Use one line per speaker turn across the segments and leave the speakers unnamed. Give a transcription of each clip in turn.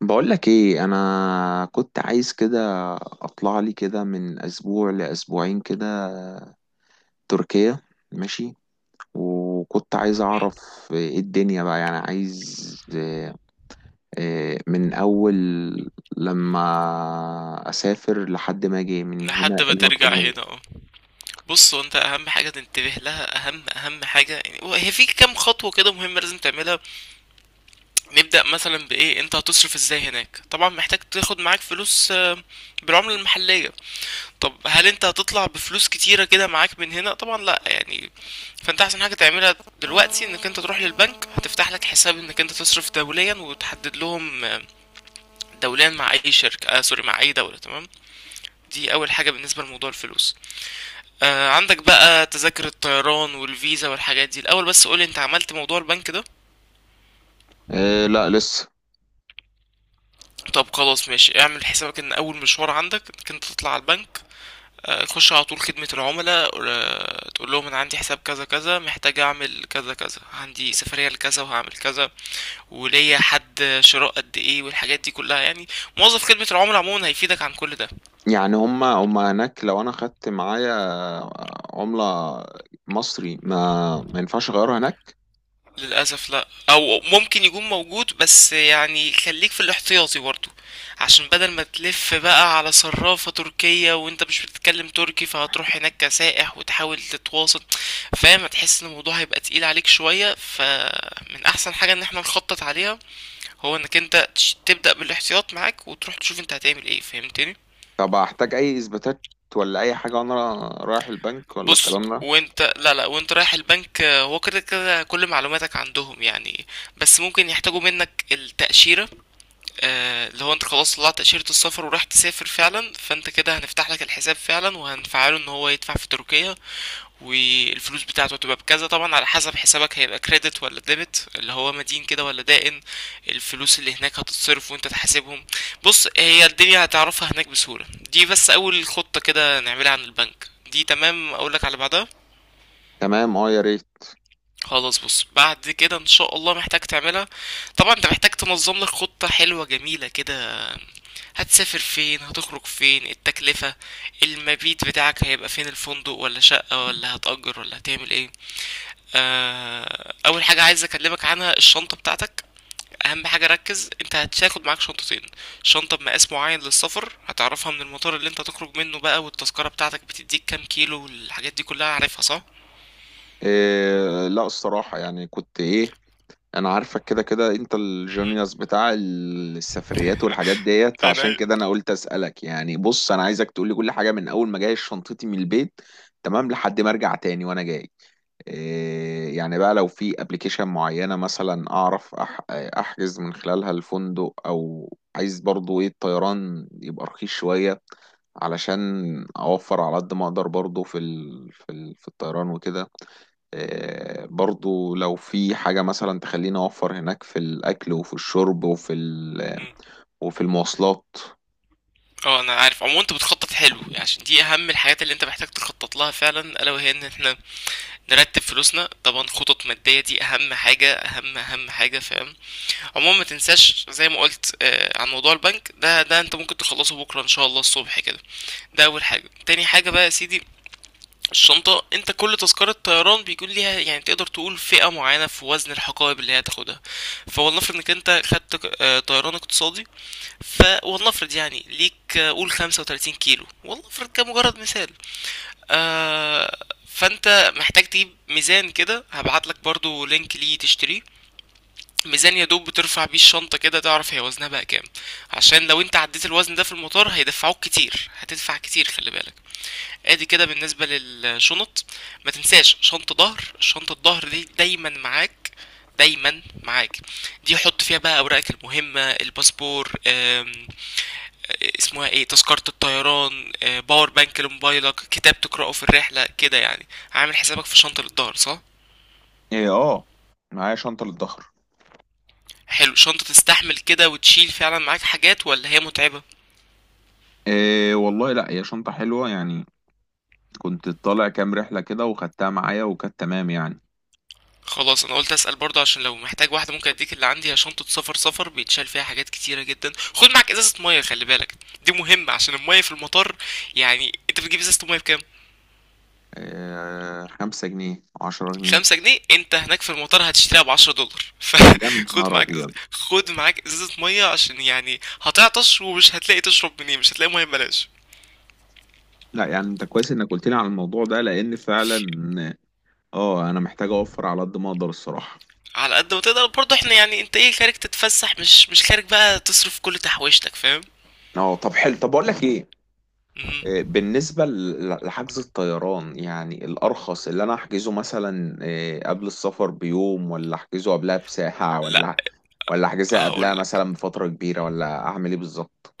بقولك ايه، انا كنت عايز كده اطلع لي كده من اسبوع لاسبوعين كده تركيا. ماشي. وكنت عايز
مم.
اعرف ايه الدنيا بقى، يعني عايز إيه، إيه من اول لما اسافر لحد ما اجي من هنا
لحد ما
إيه المطلوب
ترجع هنا،
مني.
اه. بص، هو انت اهم حاجه تنتبه لها، اهم اهم حاجه يعني هي في كام خطوه كده مهمه لازم تعملها. نبدا مثلا بايه؟ انت هتصرف ازاي هناك؟ طبعا محتاج تاخد معاك فلوس بالعمله المحليه. طب هل انت هتطلع بفلوس كتيره كده معاك من هنا؟ طبعا لا يعني. فانت احسن حاجه تعملها دلوقتي انك انت تروح للبنك، هتفتح لك حساب انك انت تصرف دوليا، وتحدد لهم دوليا مع اي شركه، سوري، مع اي دوله، تمام. دي اول حاجه بالنسبه لموضوع الفلوس. عندك بقى تذاكر الطيران والفيزا والحاجات دي الاول، بس قولي، انت عملت موضوع البنك ده؟
إيه لا لسه.
طب خلاص، ماشي، اعمل حسابك ان اول مشوار عندك انك انت تطلع على البنك. تخش على طول خدمة العملاء، تقول لهم انا عندي حساب كذا كذا، محتاج اعمل كذا كذا، عندي سفرية لكذا وهعمل كذا، وليا حد شراء قد ايه والحاجات دي كلها يعني. موظف خدمة العملاء عموما هيفيدك عن كل ده.
يعني هما هناك لو انا خدت معايا عملة مصري ما ينفعش اغيرها هناك؟
للأسف لا، أو ممكن يكون موجود بس يعني خليك في الاحتياطي برضو، عشان بدل ما تلف بقى على صرافة تركية وانت مش بتتكلم تركي، فهتروح هناك كسائح وتحاول تتواصل، فاهم؟ هتحس ان الموضوع هيبقى تقيل عليك شوية، فمن أحسن حاجة ان احنا نخطط عليها، هو انك انت تبدأ بالاحتياط معاك، وتروح تشوف انت هتعمل ايه، فهمتني؟
طب هحتاج اي اثباتات ولا اي حاجه وانا رايح البنك ولا
بص،
الكلام ده؟
وانت، لا لا، وانت رايح البنك، هو كده كده كل معلوماتك عندهم يعني، بس ممكن يحتاجوا منك التأشيرة. اللي هو انت خلاص طلعت تأشيرة السفر وراح تسافر فعلا، فانت كده هنفتح لك الحساب فعلا وهنفعله ان هو يدفع في تركيا، والفلوس بتاعته هتبقى بكذا، طبعا على حسب حسابك هيبقى كريدت ولا ديبت، اللي هو مدين كده ولا دائن. الفلوس اللي هناك هتتصرف وانت تحاسبهم. بص، هي الدنيا هتعرفها هناك بسهولة. دي بس اول خطة كده نعملها عن البنك، دي تمام؟ اقولك على بعدها.
تمام، اه يا ريت.
خلاص، بص، بعد كده ان شاء الله محتاج تعملها. طبعا انت محتاج تنظم لك خطة حلوة جميلة كده، هتسافر فين، هتخرج فين، التكلفة، المبيت بتاعك هيبقى فين، الفندق ولا شقة ولا هتأجر ولا هتعمل ايه. اول حاجة عايز اكلمك عنها الشنطة بتاعتك. اهم حاجة ركز، انت هتاخد معاك شنطتين، شنطة بمقاس معين للسفر هتعرفها من المطار اللي انت تخرج منه بقى، والتذكرة بتاعتك بتديك كام كيلو والحاجات دي كلها، عارفها صح؟
إيه لا الصراحه، يعني كنت ايه، انا عارفك كده كده انت
مهم.
الجونيوس بتاع السفريات والحاجات ديت، فعشان
عينيا.
كده انا قلت اسالك. يعني بص انا عايزك تقول لي كل حاجه من اول ما جاي شنطتي من البيت تمام لحد ما ارجع تاني وانا جاي. إيه يعني بقى، لو في ابلكيشن معينه مثلا اعرف احجز من خلالها الفندق، او عايز برضو ايه الطيران يبقى رخيص شويه علشان اوفر على قد ما اقدر، برضو في ال في الطيران وكده. برضو لو في حاجة مثلا تخليني أوفر هناك في الأكل وفي الشرب وفي وفي المواصلات.
اه، انا عارف عموما انت بتخطط حلو يعني، عشان دي اهم الحاجات اللي انت محتاج تخطط لها فعلا، الا وهي ان احنا نرتب فلوسنا، طبعا خطط مادية دي اهم حاجة، اهم اهم حاجة، فاهم؟ عموما ما تنساش زي ما قلت عن موضوع البنك ده، ده انت ممكن تخلصه بكرة ان شاء الله الصبح كده. ده اول حاجة، تاني حاجة بقى يا سيدي، الشنطة، انت كل تذكرة طيران بيكون ليها يعني، تقدر تقول فئة معينة في وزن الحقائب اللي هي هتاخدها. فولنفرض انك انت خدت طيران اقتصادي، فولنفرض يعني ليك قول 35 كيلو، ولنفرض كمجرد مثال. فانت محتاج تجيب ميزان كده، هبعت لك برضو لينك ليه تشتريه، ميزان يا دوب بترفع بيه الشنطة كده تعرف هي وزنها بقى كام. عشان لو انت عديت الوزن ده في المطار هيدفعوك كتير، هتدفع كتير، خلي بالك. ادي كده بالنسبة للشنط. ما تنساش شنطة ظهر، شنطة الظهر دي دايما معاك، دايما معاك. دي حط فيها بقى اوراقك المهمة، الباسبور، اسمها ايه، تذكرة الطيران، باور بانك لموبايلك، كتاب تقرأه في الرحلة كده يعني. عامل حسابك في شنطة للظهر، صح؟
إيه، اه، معايا شنطة للظهر.
حلو، شنطة تستحمل كده وتشيل فعلا معاك حاجات ولا هي متعبة؟
إيه والله، لا هي شنطة حلوة يعني، كنت طالع كام رحلة كده وخدتها معايا وكانت تمام يعني.
خلاص، انا قلت اسأل برضه عشان لو محتاج واحدة ممكن اديك اللي عندي، هي شنطة سفر سفر بيتشال فيها حاجات كتيرة جدا. خد معاك ازازة مية، خلي بالك، دي مهمة عشان المية في المطار. يعني انت بتجيب ازازة المية بكام؟
إيه، خمسة جنيه عشرة جنيه.
خمسة جنيه؟ انت هناك في المطار هتشتريها بعشرة دولار،
يا
فخد
نهار
معاك،
أبيض!
خد معاك ازازة مية عشان يعني هتعطش، ومش هتلاقي تشرب منين، مش هتلاقي مية ببلاش.
لا يعني انت كويس انك قلت لي على الموضوع ده، لان فعلا
في-
اه انا محتاج اوفر على قد ما اقدر الصراحة.
على قد ما تقدر برضه، احنا يعني انت ايه، خارج تتفسح، مش خارج بقى تصرف كل تحويشتك، فاهم؟
اه طب حلو، طب بقول لك ايه،
مم.
بالنسبة لحجز الطيران، يعني الأرخص اللي أنا أحجزه مثلا إيه، قبل السفر بيوم ولا أحجزه قبلها بساعة
لا،
ولا ولا أحجزها قبلها
هقولك،
مثلا بفترة كبيرة، ولا أعمل إيه بالظبط؟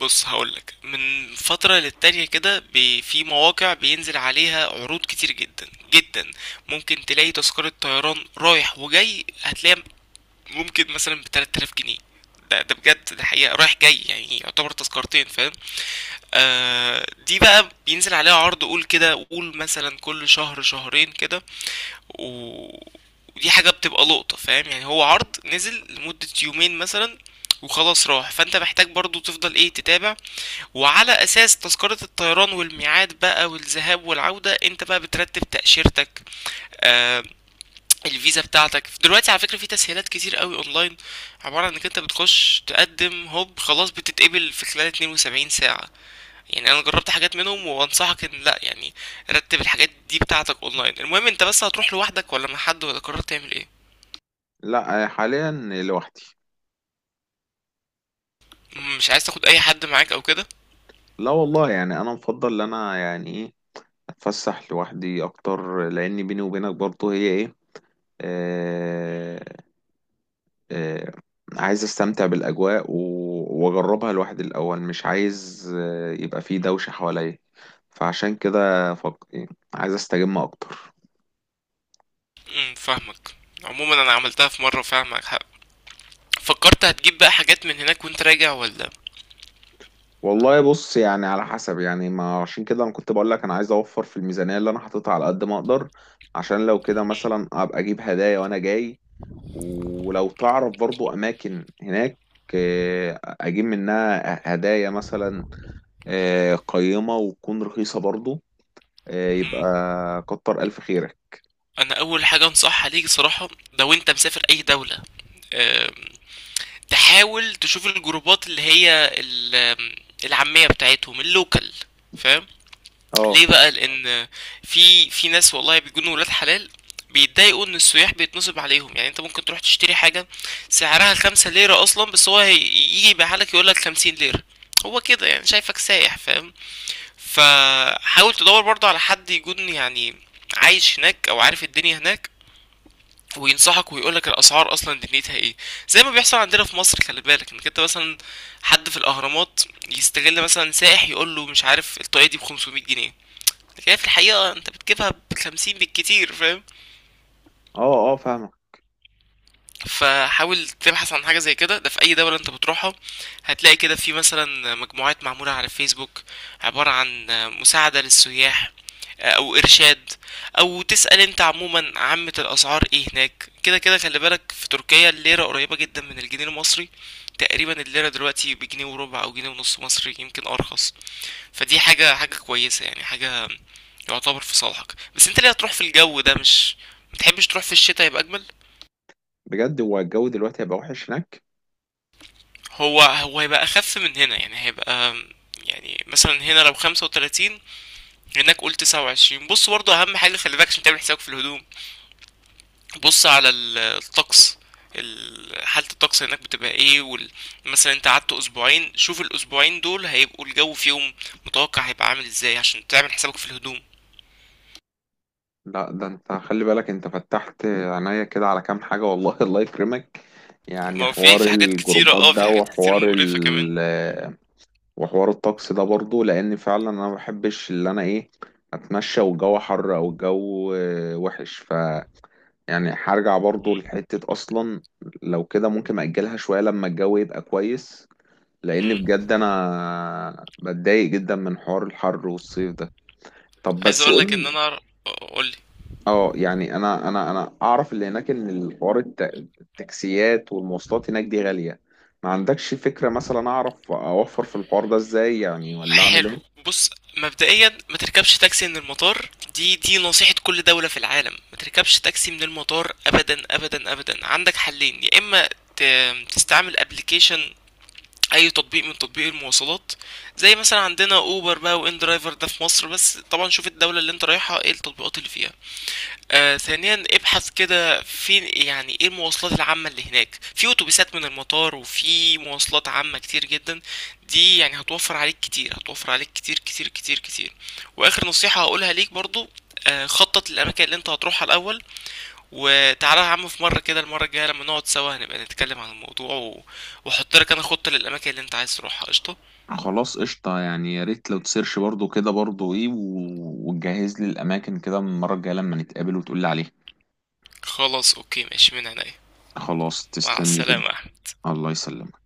بص هقولك، من فترة للتانية كده، في مواقع بينزل عليها عروض كتير جدا جدا. ممكن تلاقي تذكرة طيران رايح وجاي، هتلاقيها ممكن مثلًا ب3000 جنيه. ده بجد، ده حقيقة رايح جاي يعني يعتبر تذكرتين، فاهم؟ دي بقى بينزل عليها عرض قُل كده، قُل مثلًا كل شهر شهرين كده، و ودي حاجة بتبقى لقطة، فاهم؟ يعني هو عرض نزل لمدة يومين مثلًا وخلاص راح، فأنت محتاج برضه تفضل إيه تتابع، وعلى أساس تذكرة الطيران والميعاد بقى والذهاب والعودة أنت بقى بترتب تأشيرتك. آآ الفيزا بتاعتك دلوقتي، على فكرة، في تسهيلات كتير قوي اونلاين، عبارة عن انك انت بتخش تقدم هوب خلاص بتتقبل في خلال 72 ساعة. يعني انا جربت حاجات منهم وانصحك ان لا يعني، رتب الحاجات دي بتاعتك اونلاين. المهم، انت بس هتروح لوحدك ولا مع حد ولا قررت تعمل ايه؟
لا حاليا لوحدي.
مش عايز تاخد اي حد معاك او كده؟
لا والله، يعني أنا مفضل إن أنا يعني إيه أتفسح لوحدي أكتر، لأن بيني وبينك برضه هي إيه، آه، آه، عايز استمتع بالاجواء واجربها لوحدي الاول، مش عايز يبقى فيه دوشه حواليا، فعشان كده عايز استجم اكتر.
فاهمك، عموما انا عملتها في مرة، فاهمك حق. فكرت هتجيب بقى حاجات من هناك وانت راجع ولا؟
والله بص، يعني على حسب، يعني ما عشان كده انا كنت بقول لك انا عايز اوفر في الميزانيه اللي انا حاططها على قد ما اقدر، عشان لو كده مثلا ابقى اجيب هدايا وانا جاي. ولو تعرف برضو اماكن هناك اجيب منها هدايا مثلا قيمة وتكون رخيصة برضو
مم.
يبقى كتر ألف خيرك.
انا اول حاجة انصحها ليك صراحة، لو انت مسافر اي دولة، تحاول تشوف الجروبات اللي هي العامية بتاعتهم، اللوكال، فاهم؟
اه
ليه بقى؟ لان في ناس والله بيكونوا ولاد حلال، بيتضايقوا ان السياح بيتنصب عليهم، يعني انت ممكن تروح تشتري حاجة سعرها خمسة ليرة اصلا، بس هو يجي يبيعها لك يقول لك خمسين ليرة. هو كده يعني شايفك سايح، فاهم؟ فحاول تدور برضه على حد يكون يعني عايش هناك او عارف الدنيا هناك، وينصحك ويقول لك الاسعار اصلا دنيتها ايه. زي ما بيحصل عندنا في مصر، خلي بالك انك انت مثلا، حد في الاهرامات يستغل مثلا سائح يقول له مش عارف، الطاقيه دي ب 500 جنيه، لكن هي في الحقيقه انت بتجيبها ب 50 بالكتير، فاهم؟
اه، فاهمك.
فحاول تبحث عن حاجه زي كده، ده في اي دوله انت بتروحها هتلاقي كده في مثلا مجموعات معموله على الفيسبوك، عباره عن مساعده للسياح او ارشاد، او تسأل انت عموما عامة الاسعار ايه هناك. كده كده خلي بالك، في تركيا الليرة قريبة جدا من الجنيه المصري، تقريبا الليرة دلوقتي بجنيه وربع او جنيه ونص مصري، يمكن ارخص. فدي حاجة حاجة كويسة يعني، حاجة يعتبر في صالحك. بس انت ليه هتروح في الجو ده؟ مش متحبش تروح في الشتاء يبقى اجمل؟
بجد هو الجو دلوقتي هيبقى وحش هناك؟
هو هيبقى اخف من هنا يعني، هيبقى يعني مثلا هنا لو 35، هناك قول 29. بص، برضه اهم حاجة خلي بالك عشان تعمل حسابك في الهدوم، بص على الطقس، حالة الطقس هناك بتبقى ايه، مثلا انت قعدت اسبوعين، شوف الاسبوعين دول هيبقوا الجو فيهم متوقع هيبقى عامل ازاي، عشان تعمل حسابك في الهدوم.
لا ده انت خلي بالك، انت فتحت عينيا كده على كام حاجة والله الله يكرمك.
ما
يعني
هو
حوار
في حاجات كتيرة،
الجروبات
اه، في
ده،
حاجات كتير
وحوار
مقرفة كمان.
وحوار الطقس ده برضو، لأن فعلا أنا ما بحبش اللي أنا إيه أتمشى والجو حر، أو الجو وحش، ف يعني هرجع برضو
مم.
لحتة أصلا. لو كده ممكن أجلها شوية لما الجو يبقى كويس، لان
مم.
بجد انا بتضايق جدا من حوار الحر والصيف ده. طب
عايز
بس
اقول
قول
لك
لي،
ان انا، قولي،
اه يعني انا اعرف اللي هناك ان الحوار التاكسيات والمواصلات هناك دي غالية. ما عندكش فكرة مثلا اعرف اوفر في الحوار ده ازاي، يعني ولا اعمل
حلو،
ايه؟
بص، مبدئيا ما تركبش تاكسي من المطار، دي نصيحة كل دولة في العالم، ما تركبش تاكسي من المطار ابدا ابدا ابدا. عندك حلين، يا اما تستعمل ابلكيشن، اي تطبيق من تطبيق المواصلات، زي مثلا عندنا اوبر بقى وان درايفر، ده في مصر بس طبعا، شوف الدولة اللي انت رايحها ايه التطبيقات اللي فيها. ثانيا، ابحث كده فين يعني ايه المواصلات العامة اللي هناك، في اتوبيسات من المطار وفي مواصلات عامة كتير جدا، دي يعني هتوفر عليك كتير، هتوفر عليك كتير كتير كتير كتير. واخر نصيحة هقولها ليك برضو، خطط للأماكن اللي أنت هتروحها الأول، وتعالى يا عم في مرة كده المرة الجاية لما نقعد سوا هنبقى نتكلم عن الموضوع وأحط لك أنا خطة للأماكن اللي أنت عايز تروحها، قشطة.
خلاص قشطة، يعني يا ريت لو تسيرش برضو كده برضو ايه وتجهز لي الأماكن كده من المرة الجاية لما نتقابل وتقول لي عليها.
خلاص أوكي ماشي، من عينيا.
خلاص
مع
تسلم لي كده.
السلامة يا أحمد.
الله يسلمك.